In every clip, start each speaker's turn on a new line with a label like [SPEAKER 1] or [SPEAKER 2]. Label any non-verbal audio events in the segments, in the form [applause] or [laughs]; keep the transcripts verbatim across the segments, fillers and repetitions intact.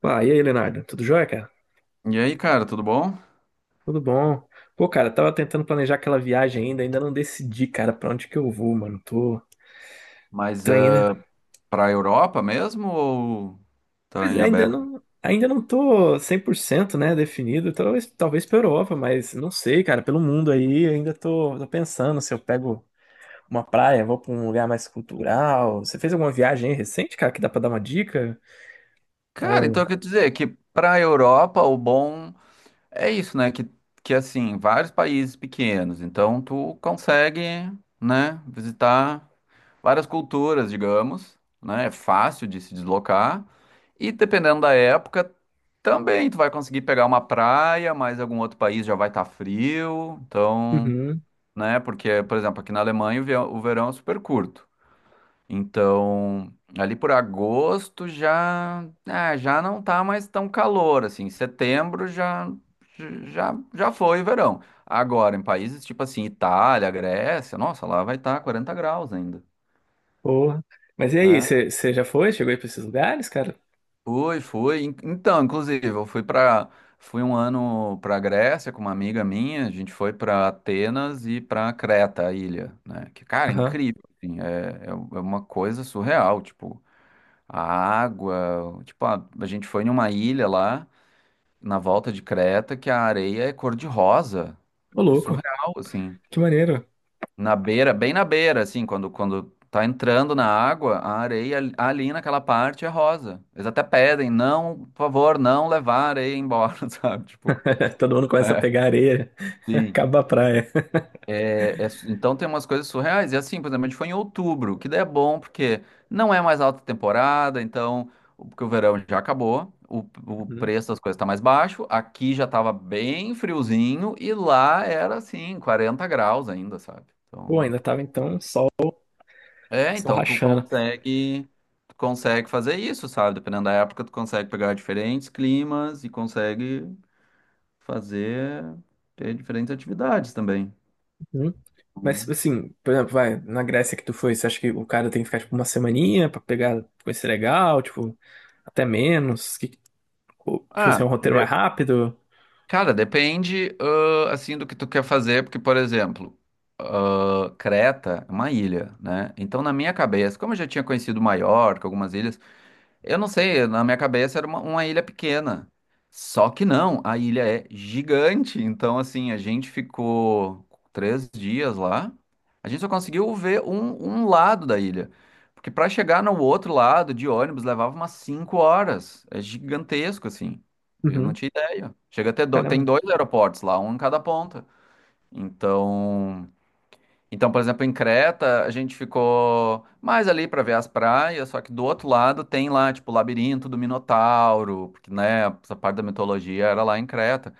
[SPEAKER 1] Pá, e aí, Leonardo? Tudo jóia, cara?
[SPEAKER 2] E aí, cara, tudo bom?
[SPEAKER 1] Tudo bom? Pô, cara, tava tentando planejar aquela viagem ainda, ainda não decidi, cara, pra onde que eu vou, mano. Tô,
[SPEAKER 2] Mas
[SPEAKER 1] tô ainda.
[SPEAKER 2] eh, Pra Europa mesmo ou tá
[SPEAKER 1] Pois
[SPEAKER 2] em
[SPEAKER 1] é, ainda
[SPEAKER 2] aberto?
[SPEAKER 1] não, ainda não tô cem por cento, né, definido. Talvez, talvez pra Europa, mas não sei, cara, pelo mundo aí, ainda tô, tô pensando se eu pego uma praia, vou pra um lugar mais cultural. Você fez alguma viagem aí recente, cara, que dá pra dar uma dica? Dá
[SPEAKER 2] Cara, então
[SPEAKER 1] um.
[SPEAKER 2] eu quero dizer que para a Europa o bom é isso, né? Que, que assim, vários países pequenos, então tu consegue, né, visitar várias culturas, digamos, né? É fácil de se deslocar. E dependendo da época, também tu vai conseguir pegar uma praia, mas algum outro país já vai estar frio, então.
[SPEAKER 1] Uhum,
[SPEAKER 2] Né? Porque, por exemplo, aqui na Alemanha o ve- o verão é super curto. Então, ali por agosto já, é, já não tá mais tão calor, assim. Setembro já, já, já foi verão. Agora, em países tipo assim, Itália, Grécia, nossa, lá vai estar quarenta graus ainda.
[SPEAKER 1] porra. Mas e aí,
[SPEAKER 2] Né?
[SPEAKER 1] você você já foi? Chegou aí pra esses lugares, cara?
[SPEAKER 2] Foi, foi. In- Então, inclusive, eu fui para, fui um ano para Grécia com uma amiga minha. A gente foi para Atenas e para Creta, a ilha, né? Que, cara, é
[SPEAKER 1] Aham.
[SPEAKER 2] incrível. Assim, é, é u- é uma coisa surreal. Tipo, a água. Tipo, a, a gente foi numa ilha lá na volta de Creta que a areia é cor-de-rosa.
[SPEAKER 1] Ô,
[SPEAKER 2] É
[SPEAKER 1] louco.
[SPEAKER 2] surreal, assim.
[SPEAKER 1] Que maneiro.
[SPEAKER 2] Na beira, bem na beira, assim, quando, quando tá entrando na água, a areia ali ali naquela parte é rosa. Eles até pedem, não, por favor, não levar a areia embora, [laughs] sabe? Tipo,
[SPEAKER 1] [laughs] Todo mundo começa a
[SPEAKER 2] é,
[SPEAKER 1] pegar areia, [laughs]
[SPEAKER 2] sim.
[SPEAKER 1] acaba a praia.
[SPEAKER 2] É, é su- então tem umas coisas surreais. E assim, por exemplo, a gente foi em outubro, que daí é bom porque não é mais alta temporada, então, o- porque o verão já acabou, o, o
[SPEAKER 1] Uhum.
[SPEAKER 2] preço das coisas tá mais baixo, aqui já tava bem friozinho e lá era assim, quarenta graus ainda, sabe?
[SPEAKER 1] Pô,
[SPEAKER 2] Então.
[SPEAKER 1] ainda tava então sol,
[SPEAKER 2] É,
[SPEAKER 1] sol
[SPEAKER 2] então tu
[SPEAKER 1] rachando.
[SPEAKER 2] consegue, tu consegue fazer isso, sabe? Dependendo da época, tu consegue pegar diferentes climas e consegue fazer ter diferentes atividades também.
[SPEAKER 1] Uhum. Mas
[SPEAKER 2] Hum.
[SPEAKER 1] assim, por exemplo, vai, na Grécia que tu foi, você acha que o cara tem que ficar tipo uma semaninha pra pegar coisa legal, tipo, até menos? Que, ou, tipo assim, é
[SPEAKER 2] Ah,
[SPEAKER 1] um roteiro mais
[SPEAKER 2] de-
[SPEAKER 1] rápido?
[SPEAKER 2] Cara, depende, ãh, assim, do que tu quer fazer, porque, por exemplo, ãh, Creta é uma ilha, né? Então, na minha cabeça, como eu já tinha conhecido Maiorca, algumas ilhas. Eu não sei, na minha cabeça era uma, uma ilha pequena. Só que não, a ilha é gigante. Então, assim, a gente ficou três dias lá. A gente só conseguiu ver um, um lado da ilha. Porque para chegar no outro lado de ônibus levava umas cinco horas. É gigantesco, assim. Eu não
[SPEAKER 1] Uhum.
[SPEAKER 2] tinha ideia. Chega a ter do... Tem
[SPEAKER 1] Caramba.
[SPEAKER 2] dois aeroportos lá, um em cada ponta. Então. Então, por exemplo, em Creta, a gente ficou mais ali para ver as praias, só que do outro lado tem lá, tipo, o labirinto do Minotauro, porque, né, essa parte da mitologia era lá em Creta.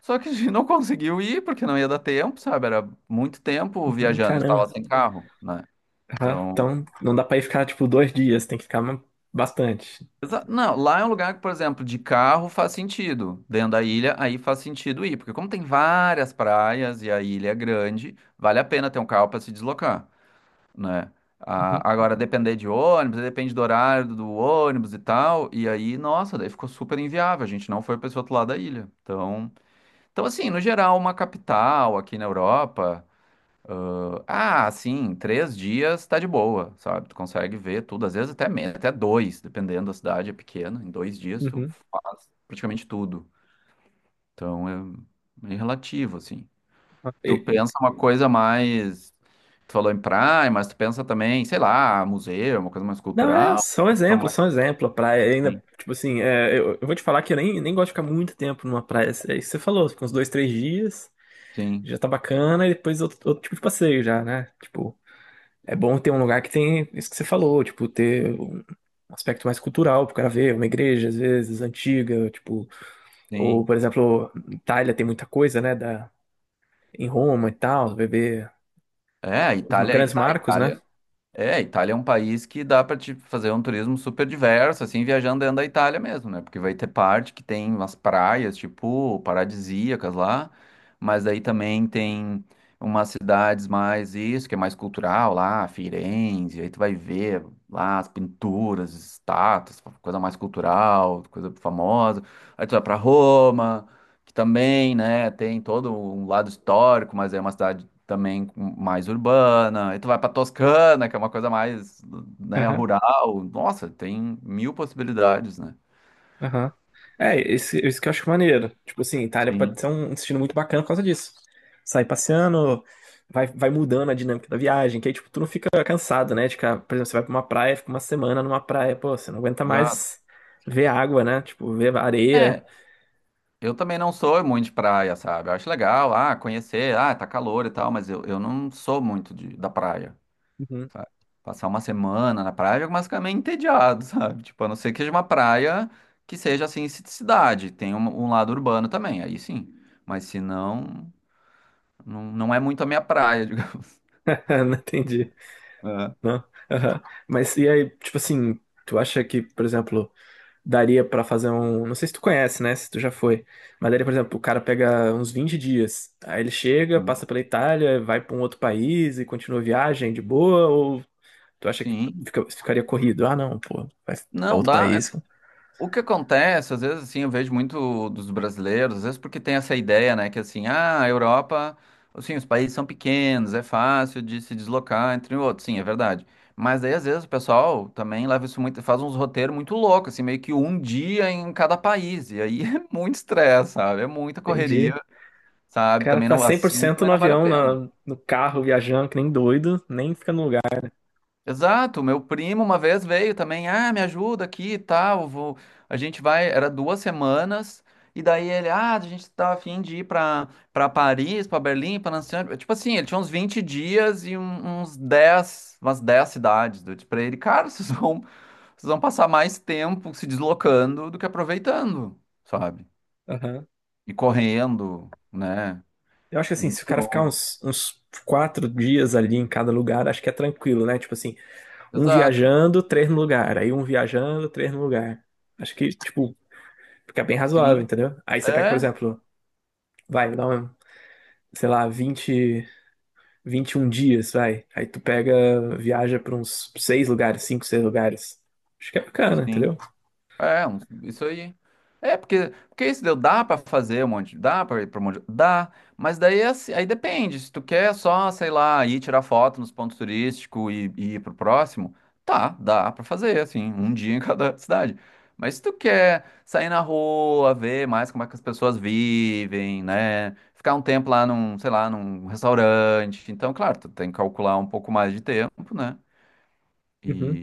[SPEAKER 2] Só que a gente não conseguiu ir porque não ia dar tempo, sabe? Era muito tempo
[SPEAKER 1] Uhum,
[SPEAKER 2] viajando, a gente
[SPEAKER 1] caramba.
[SPEAKER 2] tava sem carro, né?
[SPEAKER 1] Aham.
[SPEAKER 2] Então,
[SPEAKER 1] Então, não dá pra ir ficar, tipo, dois dias, tem que ficar ma- bastante.
[SPEAKER 2] exa- não, lá é um lugar que, por exemplo, de carro faz sentido. Dentro da ilha, aí faz sentido ir, porque como tem várias praias e a ilha é grande, vale a pena ter um carro para se deslocar. Né?
[SPEAKER 1] Uhum,
[SPEAKER 2] Ah, agora, depender de ônibus, depende do horário do ônibus e tal, e aí, nossa, daí ficou super inviável, a gente não foi para esse outro lado da ilha. Então, então, assim, no geral, uma capital aqui na Europa, ah, assim, três dias tá de boa, sabe? Tu consegue ver tudo, às vezes até menos, até dois, dependendo da cidade, é pequena, em dois dias tu
[SPEAKER 1] uhum.
[SPEAKER 2] faz praticamente tudo. Então, é meio relativo, assim.
[SPEAKER 1] E-
[SPEAKER 2] Tu
[SPEAKER 1] e-
[SPEAKER 2] pensa uma coisa mais. Tu falou em praia, mas tu pensa também, sei lá, museu, uma coisa mais
[SPEAKER 1] não, é
[SPEAKER 2] cultural.
[SPEAKER 1] só um
[SPEAKER 2] uma
[SPEAKER 1] exemplo,
[SPEAKER 2] mais-
[SPEAKER 1] só um exemplo. A praia ainda,
[SPEAKER 2] Sim,
[SPEAKER 1] tipo assim, é, eu, eu vou te falar que eu nem, nem gosto de ficar muito tempo numa praia. É isso que você falou, fica uns dois, três dias,
[SPEAKER 2] sim,
[SPEAKER 1] já tá bacana, e depois outro, outro tipo de passeio já, né? Tipo, é bom ter um lugar que tem isso que você falou, tipo, ter um aspecto mais cultural pro cara ver, uma igreja, às vezes, antiga, tipo, ou,
[SPEAKER 2] sim.
[SPEAKER 1] por exemplo, Itália tem muita coisa, né, da, em Roma e tal, beber.
[SPEAKER 2] É, a
[SPEAKER 1] Os
[SPEAKER 2] Itália, aí que
[SPEAKER 1] grandes
[SPEAKER 2] tá. A
[SPEAKER 1] marcos, né?
[SPEAKER 2] Itália. É, a Itália é um país que dá para te fazer um turismo super diverso, assim, viajando dentro da Itália mesmo, né? Porque vai ter parte que tem umas praias, tipo, paradisíacas lá, mas daí também tem umas cidades mais isso, que é mais cultural lá, Firenze, aí tu vai ver lá as pinturas, estátuas, coisa mais cultural, coisa famosa. Aí tu vai para Roma, que também, né, tem todo um lado histórico, mas é uma cidade também com- mais urbana. E tu vai pra Toscana, que é uma coisa mais, né,
[SPEAKER 1] Aham,
[SPEAKER 2] rural. Nossa, tem mil possibilidades, né?
[SPEAKER 1] aham. É, esse, isso que eu acho maneiro. Tipo assim, Itália pode
[SPEAKER 2] Sim,
[SPEAKER 1] ser um um destino muito bacana por causa disso. Sai passeando, vai, vai mudando a dinâmica da viagem, que aí, tipo, tu não fica cansado, né? De ficar, por exemplo, você vai pra uma praia, fica uma semana numa praia, pô, você não aguenta
[SPEAKER 2] exato.
[SPEAKER 1] mais ver água, né? Tipo, ver areia.
[SPEAKER 2] É, eu também não sou muito de praia, sabe? Eu acho legal, ah, conhecer, ah, tá calor e tal, mas eu, eu não sou muito de, da praia.
[SPEAKER 1] Uhum.
[SPEAKER 2] Sabe? Passar uma semana na praia, eu ficar meio entediado, [laughs] sabe? Tipo, a não ser que seja uma praia que seja assim, ci- cidade, tem um, um lado urbano também, aí sim. Mas se não, não, não é muito a minha praia, [laughs] digamos.
[SPEAKER 1] [laughs] Não entendi.
[SPEAKER 2] É.
[SPEAKER 1] Não. Aham. Mas e aí, tipo assim, tu acha que, por exemplo, daria pra fazer um. Não sei se tu conhece, né? Se tu já foi. Mas daria, por exemplo, o cara pega uns vinte dias. Aí ele chega,
[SPEAKER 2] Hum.
[SPEAKER 1] passa pela Itália, vai pra um outro país e continua a viagem de boa? Ou tu acha que
[SPEAKER 2] Sim.
[SPEAKER 1] fica- ficaria corrido? Ah, não, pô, vai pra
[SPEAKER 2] Não,
[SPEAKER 1] outro
[SPEAKER 2] dá.
[SPEAKER 1] país.
[SPEAKER 2] O que acontece, às vezes, assim, eu vejo muito dos brasileiros, às vezes porque tem essa ideia, né, que assim, ah, a Europa, assim, os países são pequenos, é fácil de se deslocar entre outros, sim, é verdade. Mas aí, às vezes, o pessoal também leva isso muito, faz uns roteiros muito loucos, assim, meio que um dia em cada país, e aí [laughs] é muito estresse, sabe, é muita correria,
[SPEAKER 1] Entendi. O
[SPEAKER 2] sabe,
[SPEAKER 1] cara
[SPEAKER 2] também
[SPEAKER 1] tá
[SPEAKER 2] não,
[SPEAKER 1] cem por
[SPEAKER 2] assim,
[SPEAKER 1] cento
[SPEAKER 2] também
[SPEAKER 1] no
[SPEAKER 2] não vale a
[SPEAKER 1] avião,
[SPEAKER 2] pena.
[SPEAKER 1] na- no carro, viajando, que nem doido, nem fica no lugar.
[SPEAKER 2] Exato, meu primo uma vez veio também, ah, me ajuda aqui e tal, vou... A gente vai, era duas semanas, e daí ele, ah, a gente tá a fim de ir pra, pra Paris, pra Berlim, pra Nancy, tipo assim, ele tinha uns vinte dias e um- uns dez, umas dez cidades, eu disse pra ele, cara, [laughs] vocês vão, vocês vão passar mais tempo se deslocando do que aproveitando, sabe?
[SPEAKER 1] Aham.
[SPEAKER 2] E correndo, né?
[SPEAKER 1] Eu acho que assim, se o cara ficar
[SPEAKER 2] Então,
[SPEAKER 1] uns, uns quatro dias ali em cada lugar, acho que é tranquilo, né? Tipo assim, um
[SPEAKER 2] exato,
[SPEAKER 1] viajando, três no lugar. Aí um viajando, três no lugar. Acho que, tipo, fica bem razoável,
[SPEAKER 2] sim,
[SPEAKER 1] entendeu? Aí você pega, por
[SPEAKER 2] é,
[SPEAKER 1] exemplo, vai, dá um, sei lá, vinte, um dias, vai. Aí tu pega, viaja pra uns seis lugares, cinco, seis lugares. Acho que é bacana,
[SPEAKER 2] sim.
[SPEAKER 1] entendeu?
[SPEAKER 2] É, um- isso aí. É, porque, porque isso deu, dá pra fazer um monte, dá pra ir pra um monte, dá, mas daí é assim, aí depende, se tu quer só, sei lá, ir tirar foto nos pontos turísticos e, e ir pro próximo, tá, dá pra fazer, assim, um dia em cada [laughs] cidade. Mas se tu quer sair na rua, ver mais como é que as pessoas vivem, né, ficar um tempo lá num, sei lá, num restaurante, então, claro, tu tem que calcular um pouco mais de tempo, né,
[SPEAKER 1] Uhum,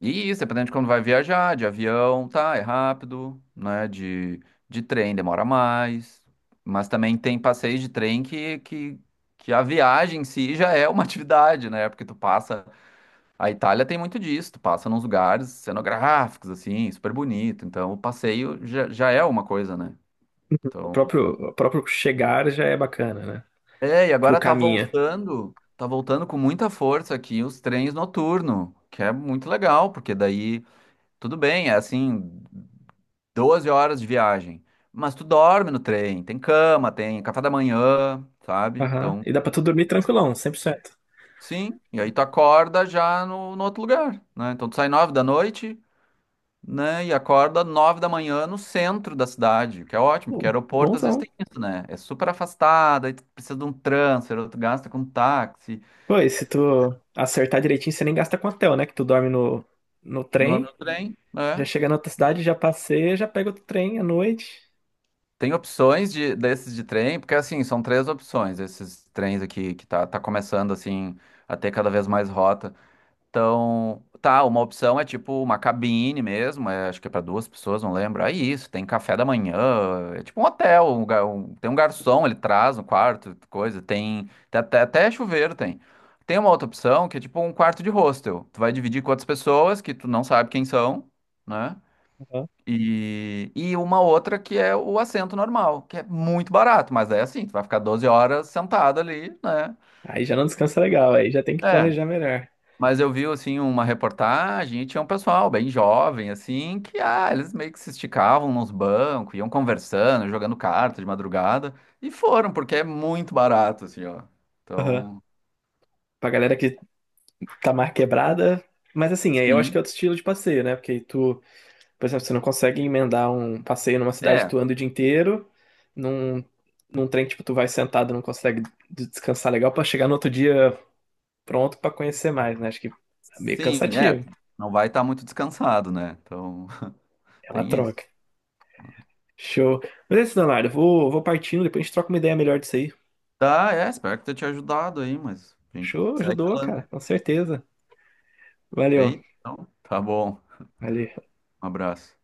[SPEAKER 2] e isso, dependendo de quando vai viajar, de avião, tá, é rápido, né? De, de trem demora mais. Mas também tem passeios de trem que, que, que a viagem em si já é uma [laughs] atividade, né? Porque tu passa. A Itália tem muito disso, tu passa nos lugares cenográficos, assim, super bonito. Então o passeio já, já é uma coisa, né?
[SPEAKER 1] uhum. O
[SPEAKER 2] Então.
[SPEAKER 1] próprio, o próprio chegar já é bacana, né?
[SPEAKER 2] É, e
[SPEAKER 1] Tipo,
[SPEAKER 2] agora tá
[SPEAKER 1] caminha.
[SPEAKER 2] voltando, tá voltando com muita força aqui os trens noturnos, que é muito legal, porque daí, tudo bem, é assim. Doze horas de viagem. Mas tu dorme no trem, tem cama, tem café da manhã, sabe?
[SPEAKER 1] Aham.
[SPEAKER 2] Então,
[SPEAKER 1] E dá pra tu dormir tranquilão, cem por cento.
[SPEAKER 2] sim. E aí tu acorda já no, no outro lugar, né? Então tu sai nove da noite, né? E acorda nove da manhã no centro da cidade, o que é ótimo, porque
[SPEAKER 1] Pô,
[SPEAKER 2] aeroporto às vezes
[SPEAKER 1] bonzão.
[SPEAKER 2] tem isso, né? É super afastado, aí tu precisa de um transfer, ou tu gasta com táxi,
[SPEAKER 1] Pô, e se tu acertar direitinho, você nem gasta com hotel, né? Que tu dorme no, no
[SPEAKER 2] dorme
[SPEAKER 1] trem.
[SPEAKER 2] no trem,
[SPEAKER 1] Já
[SPEAKER 2] né?
[SPEAKER 1] chega na outra cidade, já passeia, já pega outro trem à noite.
[SPEAKER 2] Tem opções de, desses de trem, porque assim, são três opções, esses trens aqui que tá, tá começando assim a ter cada vez mais rotas. Então, tá, uma opção é tipo uma cabine mesmo, é, acho que é para duas pessoas, não lembro. Aí isso, tem café da manhã, é tipo um hotel, um ga- um- tem um garçom, ele traz no quarto, coisa, tem, tem até, até chuveiro tem. Tem uma outra opção que é tipo um quarto de hostel. Tu vai dividir com outras pessoas que tu não sabe quem são, né?
[SPEAKER 1] Aham.
[SPEAKER 2] E, e uma outra que é o assento normal, que é muito barato, mas é assim, tu vai ficar doze horas sentado ali, né?
[SPEAKER 1] Aí já não descansa legal, aí já tem que
[SPEAKER 2] É,
[SPEAKER 1] planejar melhor.
[SPEAKER 2] mas eu vi, assim, uma reportagem e tinha um pessoal bem jovem, assim, que, ah, eles meio que se esticavam nos bancos, iam conversando, jogando carta de madrugada, e foram, porque é muito barato, assim, ó.
[SPEAKER 1] Aham.
[SPEAKER 2] Então,
[SPEAKER 1] Pra galera que tá mais quebrada. Mas assim, aí eu acho que é
[SPEAKER 2] sim,
[SPEAKER 1] outro estilo de passeio, né? Porque tu. Por exemplo, você não consegue emendar um passeio numa cidade que
[SPEAKER 2] é,
[SPEAKER 1] tu anda o dia inteiro, num, num trem que tipo, tu vai sentado não consegue d- descansar legal pra chegar no outro dia pronto pra conhecer mais, né? Acho que é meio
[SPEAKER 2] sim, é,
[SPEAKER 1] cansativo.
[SPEAKER 2] não vai estar muito descansado, né? Então, [laughs]
[SPEAKER 1] É uma
[SPEAKER 2] tem isso.
[SPEAKER 1] troca. Show. Mas é isso, Leonardo. eu Vou, vou partindo, depois a gente troca uma ideia melhor disso aí.
[SPEAKER 2] Tá, é, espero que tenha te ajudado aí, mas a gente
[SPEAKER 1] Show,
[SPEAKER 2] segue
[SPEAKER 1] ajudou, cara,
[SPEAKER 2] falando.
[SPEAKER 1] com certeza. Valeu.
[SPEAKER 2] Feito? Então, tá bom,
[SPEAKER 1] Valeu.
[SPEAKER 2] um abraço.